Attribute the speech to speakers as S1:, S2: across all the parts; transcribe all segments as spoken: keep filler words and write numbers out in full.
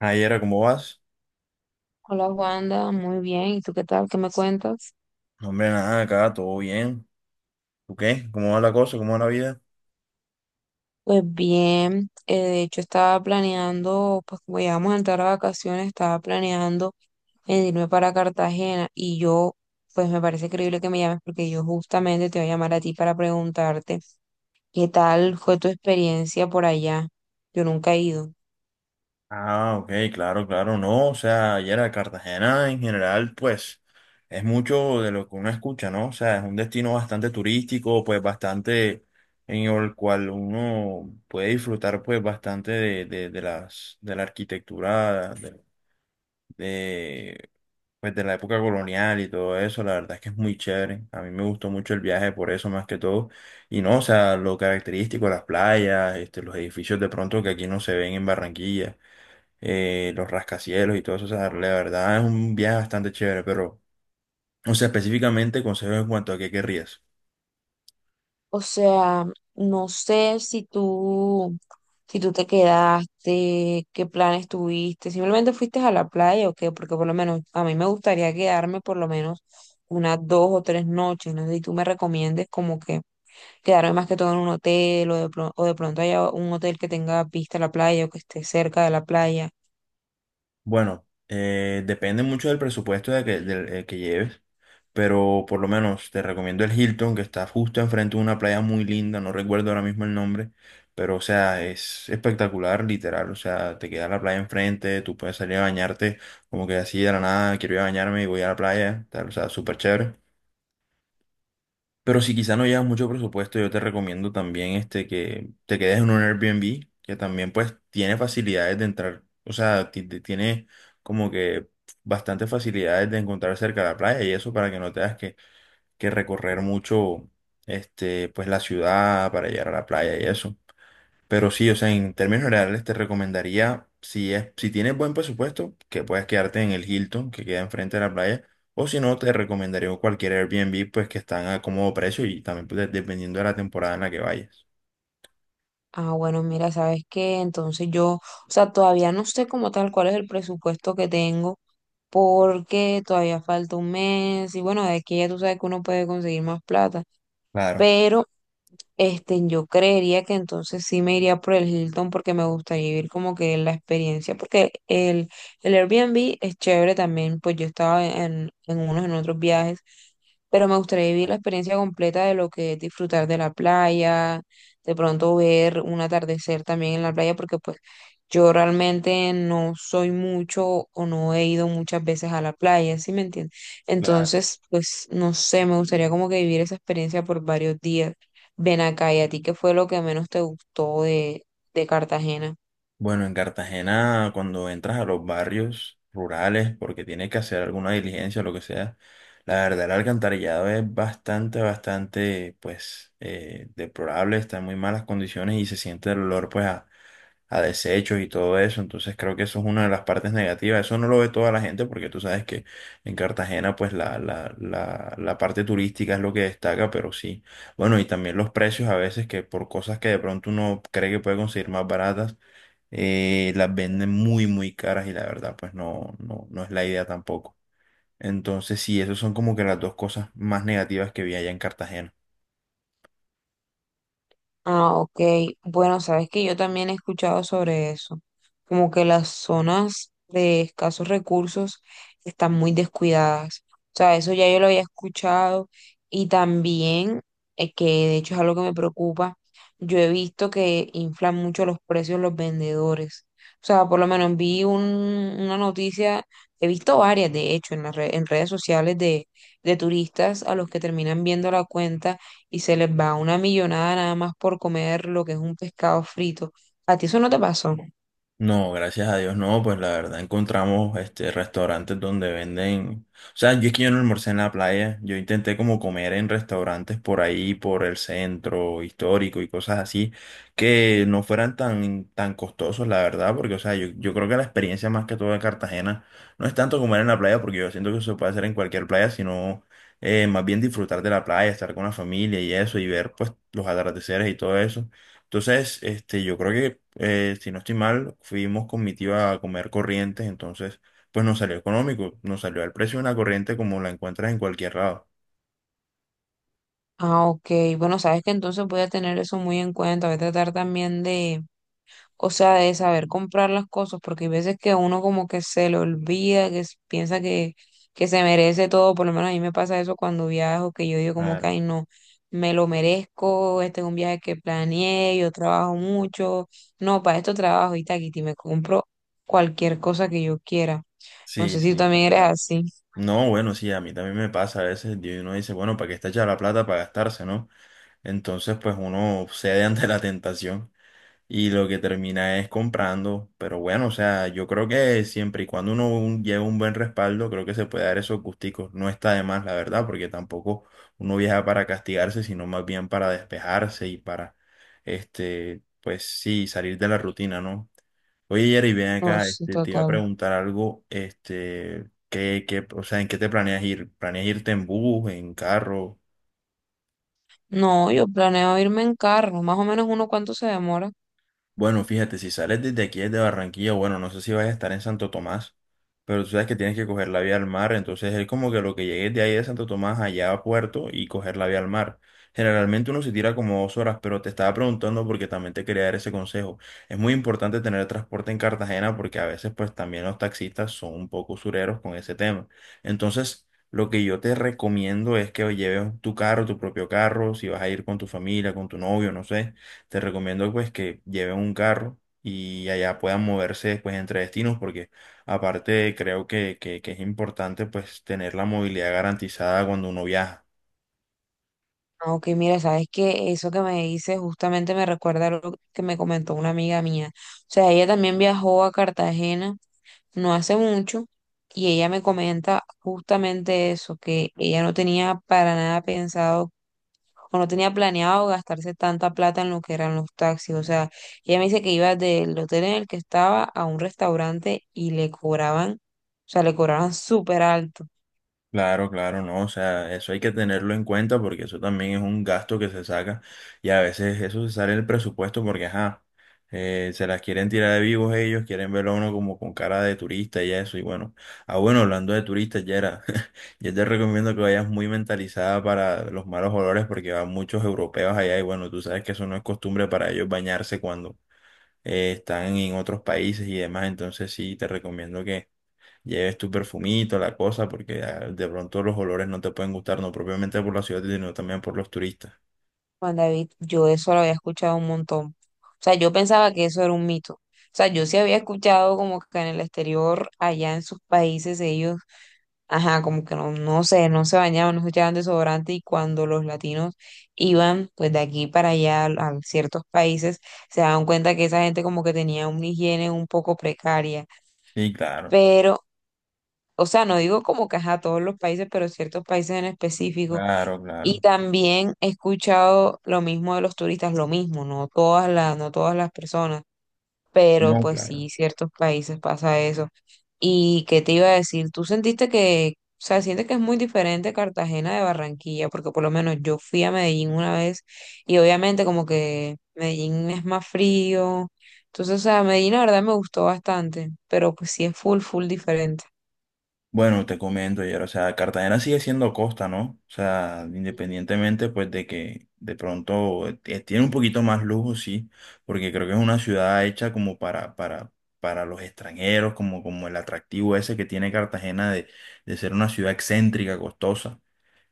S1: Ayer, ¿cómo vas?
S2: Hola Wanda, muy bien. ¿Y tú qué tal? ¿Qué me cuentas?
S1: No, hombre, nada, acá todo bien. ¿Tú qué? ¿Cómo va la cosa? ¿Cómo va la vida?
S2: Pues bien, eh, de hecho estaba planeando, pues como ya vamos a entrar a vacaciones, estaba planeando en irme para Cartagena y yo, pues me parece increíble que me llames porque yo justamente te voy a llamar a ti para preguntarte qué tal fue tu experiencia por allá. Yo nunca he ido.
S1: Ah, ok, claro, claro, no. O sea, ayer a Cartagena en general, pues, es mucho de lo que uno escucha, ¿no? O sea, es un destino bastante turístico, pues, bastante en el cual uno puede disfrutar, pues, bastante de, de, de las, de la arquitectura, de, pues de la época colonial y todo eso, la verdad es que es muy chévere. A mí me gustó mucho el viaje por eso más que todo. Y no, o sea, lo característico, las playas, este, los edificios de pronto que aquí no se ven en Barranquilla, eh, los rascacielos y todo eso, o sea, la verdad es un viaje bastante chévere, pero, o sea, específicamente consejos en cuanto a qué querrías.
S2: O sea, no sé si tú, si tú te quedaste, qué planes tuviste, simplemente fuiste a la playa o qué, porque por lo menos a mí me gustaría quedarme por lo menos unas dos o tres noches, no sé si tú me recomiendes como que quedarme más que todo en un hotel o de, pro- o de pronto haya un hotel que tenga vista a la playa o que esté cerca de la playa.
S1: Bueno, eh, depende mucho del presupuesto de que, del, eh, que lleves, pero por lo menos te recomiendo el Hilton, que está justo enfrente de una playa muy linda, no recuerdo ahora mismo el nombre, pero o sea, es espectacular, literal, o sea, te queda la playa enfrente, tú puedes salir a bañarte como que así de la nada, quiero ir a bañarme y voy a la playa, tal, o sea, súper chévere. Pero si quizá no llevas mucho presupuesto, yo te recomiendo también este que te quedes en un Airbnb, que también pues tiene facilidades de entrar, o sea, ti- ti- tiene como que bastantes facilidades de encontrar cerca de la playa y eso para que no tengas que, que recorrer mucho este pues la ciudad para llegar a la playa y eso. Pero sí, o sea, en términos reales te recomendaría, si es, si tienes buen presupuesto, que puedas quedarte en el Hilton, que queda enfrente de la playa, o si no, te recomendaría cualquier Airbnb, pues que están a cómodo precio y también pues, de- dependiendo de la temporada en la que vayas.
S2: Ah, bueno, mira, ¿sabes qué? Entonces yo, o sea, todavía no sé como tal cuál es el presupuesto que tengo, porque todavía falta un mes y bueno, de aquí ya tú sabes que uno puede conseguir más plata,
S1: Claro,
S2: pero este, yo creería que entonces sí me iría por el Hilton porque me gustaría vivir como que la experiencia, porque el, el Airbnb es chévere también, pues yo estaba en, en unos, en otros viajes, pero me gustaría vivir la experiencia completa de lo que es disfrutar de la playa, de pronto ver un atardecer también en la playa, porque pues yo realmente no soy mucho o no he ido muchas veces a la playa, ¿sí me entiendes?
S1: claro.
S2: Entonces, pues no sé, me gustaría como que vivir esa experiencia por varios días. Ven acá, ¿y a ti qué fue lo que menos te gustó de, de Cartagena?
S1: Bueno, en Cartagena, cuando entras a los barrios rurales, porque tienes que hacer alguna diligencia o lo que sea, la verdad el alcantarillado es bastante, bastante, pues, eh, deplorable, está en muy malas condiciones y se siente el olor, pues, a, a desechos y todo eso. Entonces creo que eso es una de las partes negativas. Eso no lo ve toda la gente porque tú sabes que en Cartagena pues la, la, la, la parte turística es lo que destaca, pero sí. Bueno, y también los precios a veces que por cosas que de pronto uno cree que puede conseguir más baratas, eh, las venden muy, muy caras y la verdad pues no, no, no es la idea tampoco. Entonces sí, esas son como que las dos cosas más negativas que vi allá en Cartagena.
S2: Ah, ok. Bueno, sabes que yo también he escuchado sobre eso, como que las zonas de escasos recursos están muy descuidadas. O sea, eso ya yo lo había escuchado y también, eh, que de hecho es algo que me preocupa, yo he visto que inflan mucho los precios los vendedores. O sea, por lo menos vi un- una noticia, he visto varias de hecho en las re- en redes sociales de, de turistas a los que terminan viendo la cuenta y se les va una millonada nada más por comer lo que es un pescado frito. ¿A ti eso no te pasó?
S1: No, gracias a Dios, no, pues la verdad encontramos este restaurantes donde venden, o sea, yo es que yo no almorcé en la playa, yo intenté como comer en restaurantes por ahí, por el centro histórico y cosas así, que no fueran tan, tan costosos, la verdad, porque, o sea, yo, yo creo que la experiencia más que todo de Cartagena no es tanto comer en la playa, porque yo siento que eso se puede hacer en cualquier playa, sino eh, más bien disfrutar de la playa, estar con la familia y eso, y ver pues los atardeceres y todo eso entonces, este, yo creo que, eh, si no estoy mal, fuimos con mi tía a comer corrientes, entonces, pues nos salió económico, nos salió al precio de una corriente como la encuentras en cualquier lado.
S2: Ah, ok. Bueno, sabes que entonces voy a tener eso muy en cuenta. Voy a tratar también de, o sea, de saber comprar las cosas, porque hay veces que uno como que se le olvida, que s- piensa que, que se merece todo. Por lo menos a mí me pasa eso cuando viajo, que yo digo como que,
S1: Claro,
S2: ay, no, me lo merezco, este es un viaje que planeé, yo trabajo mucho. No, para esto trabajo y taquiti, me compro cualquier cosa que yo quiera. No
S1: sí,
S2: sé si tú
S1: sí,
S2: también eres
S1: total.
S2: así.
S1: No, bueno, sí, a mí también me pasa a veces, y uno dice, bueno, ¿para qué está hecha la plata para gastarse, no? Entonces, pues uno cede ante la tentación. Y lo que termina es comprando, pero bueno, o sea, yo creo que siempre y cuando uno un- lleva un buen respaldo, creo que se puede dar esos gusticos. No está de más, la verdad, porque tampoco uno viaja para castigarse, sino más bien para despejarse y para, este, pues sí, salir de la rutina, ¿no? Oye, Jerry, ven
S2: No,
S1: acá,
S2: sí,
S1: este, te iba a
S2: total.
S1: preguntar algo, este, ¿qué, qué, o sea, ¿en qué te planeas ir? ¿Planeas irte en bus, en carro?
S2: No, yo planeo irme en carro. Más o menos uno cuánto se demora.
S1: Bueno, fíjate, si sales desde aquí, desde Barranquilla, bueno, no sé si vas a estar en Santo Tomás, pero tú sabes que tienes que coger la vía al mar, entonces es como que lo que llegues de ahí de Santo Tomás allá a Puerto y coger la vía al mar. Generalmente uno se tira como dos horas, pero te estaba preguntando porque también te quería dar ese consejo. Es muy importante tener transporte en Cartagena porque a veces pues también los taxistas son un poco usureros con ese tema. Entonces, lo que yo te recomiendo es que lleves tu carro, tu propio carro, si vas a ir con tu familia, con tu novio, no sé te recomiendo pues que lleven un carro y allá puedan moverse después entre destinos porque aparte creo que, que, que es importante pues tener la movilidad garantizada cuando uno viaja.
S2: Ah, ok, mira, sabes que eso que me dices justamente me recuerda lo que me comentó una amiga mía. O sea, ella también viajó a Cartagena no hace mucho y ella me comenta justamente eso, que ella no tenía para nada pensado o no tenía planeado gastarse tanta plata en lo que eran los taxis. O sea, ella me dice que iba del hotel en el que estaba a un restaurante y le cobraban, o sea, le cobraban súper alto.
S1: Claro, claro, no, o sea, eso hay que tenerlo en cuenta porque eso también es un gasto que se saca y a veces eso se sale del presupuesto porque, ajá, eh, se las quieren tirar de vivos ellos, quieren verlo a uno como con cara de turista y eso, y bueno, ah, bueno, hablando de turistas, Yera, yo te recomiendo que vayas muy mentalizada para los malos olores porque van muchos europeos allá y bueno, tú sabes que eso no es costumbre para ellos bañarse cuando eh, están en otros países y demás, entonces sí, te recomiendo que lleves tu perfumito, la cosa, porque ah, de pronto los olores no te pueden gustar, no propiamente por la ciudad, sino también por los turistas.
S2: Juan David, yo eso lo había escuchado un montón. O sea, yo pensaba que eso era un mito. O sea, yo sí había escuchado como que en el exterior, allá en sus países, ellos ajá, como que no, no sé, no se bañaban, no se echaban desodorante y cuando los latinos iban pues de aquí para allá al- a ciertos países, se daban cuenta que esa gente como que tenía una higiene un poco precaria,
S1: Sí, claro,
S2: pero, o sea, no digo como que ajá, todos los países, pero ciertos países en específico.
S1: claro,
S2: Y
S1: claro.
S2: también he escuchado lo mismo de los turistas, lo mismo, no todas las, no todas las personas, pero
S1: No,
S2: pues
S1: claro.
S2: sí, ciertos países pasa eso. ¿Y qué te iba a decir? ¿Tú sentiste que, o sea, sientes que es muy diferente Cartagena de Barranquilla? Porque por lo menos yo fui a Medellín una vez y obviamente como que Medellín es más frío. Entonces, o sea, Medellín la verdad me gustó bastante, pero pues sí es full, full diferente.
S1: Bueno, te comento, Yer, o sea, Cartagena sigue siendo costa, ¿no? O sea,
S2: Ujú.
S1: independientemente, pues, de que de pronto eh, tiene un poquito más lujo, sí, porque creo que es una ciudad hecha como para, para, para los extranjeros, como, como el atractivo ese que tiene Cartagena de, de ser una ciudad excéntrica, costosa.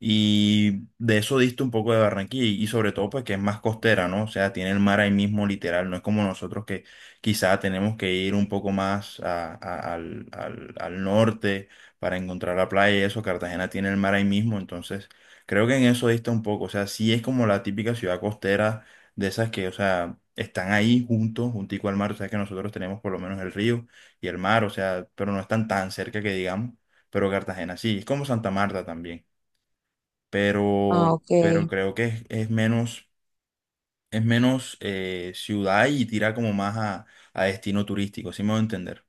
S1: Y de eso diste un poco de Barranquilla y, y sobre todo pues que es más costera, ¿no? O sea, tiene el mar ahí mismo literal, no es como nosotros que quizá tenemos que ir un poco más a- a- al, al- al norte para encontrar la playa y eso, Cartagena tiene el mar ahí mismo, entonces creo que en eso dista un poco, o sea, sí es como la típica ciudad costera de esas que, o sea, están ahí juntos, juntico al mar, o sea que nosotros tenemos por lo menos el río y el mar, o sea, pero no están tan cerca que digamos, pero Cartagena sí, es como Santa Marta también pero,
S2: Ah,
S1: pero
S2: ok.
S1: creo que es, es menos, es menos eh, ciudad y tira como más a, a destino turístico, si me voy a entender.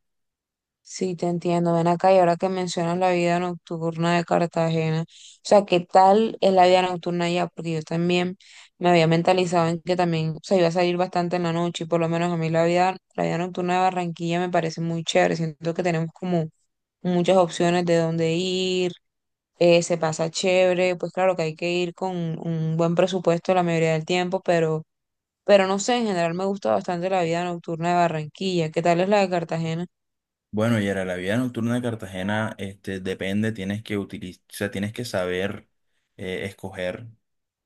S2: Sí, te entiendo. Ven acá y ahora que mencionas la vida nocturna de Cartagena, o sea, ¿qué tal es la vida nocturna allá? Porque yo también me había mentalizado en que también, o sea, iba a salir bastante en la noche y por lo menos a mí la vida, la vida nocturna de Barranquilla me parece muy chévere. Siento que tenemos como muchas opciones de dónde ir, eh, se pasa chévere, pues claro que hay que ir con un buen presupuesto la mayoría del tiempo, pero, pero no sé, en general me gusta bastante la vida nocturna de Barranquilla. ¿Qué tal es la de Cartagena?
S1: Bueno, y era la vida nocturna de Cartagena, este, depende, tienes que utilizar, tienes que saber eh, escoger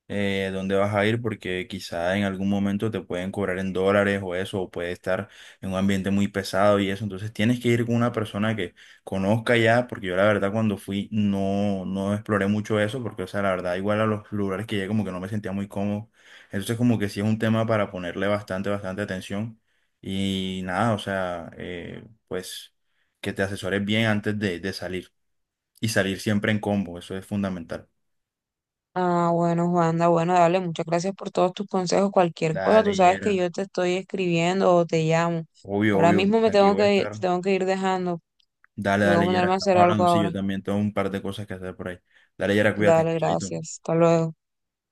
S1: eh, dónde vas a ir, porque quizá en algún momento te pueden cobrar en dólares o eso, o puede estar en un ambiente muy pesado y eso. Entonces tienes que ir con una persona que conozca ya, porque yo la verdad cuando fui no, no exploré mucho eso, porque o sea, la verdad igual a los lugares que llegué como que no me sentía muy cómodo. Entonces como que sí es un tema para ponerle bastante, bastante atención. Y nada, o sea, eh, pues que te asesores bien antes de, de salir. Y salir siempre en combo, eso es fundamental.
S2: Ah, bueno, Juanda, bueno, dale, muchas gracias por todos tus consejos. Cualquier cosa,
S1: Dale,
S2: tú sabes que
S1: Yera.
S2: yo te estoy escribiendo o te llamo.
S1: Obvio,
S2: Ahora
S1: obvio,
S2: mismo me
S1: aquí
S2: tengo
S1: voy a
S2: que, ir,
S1: estar.
S2: tengo que ir dejando.
S1: Dale,
S2: Tengo que
S1: dale, Yera,
S2: ponerme a
S1: estamos
S2: hacer algo
S1: hablando, sí,
S2: ahora.
S1: yo también tengo un par de cosas que hacer por ahí. Dale, Yera, cuídate,
S2: Dale,
S1: chaito.
S2: gracias. Hasta luego.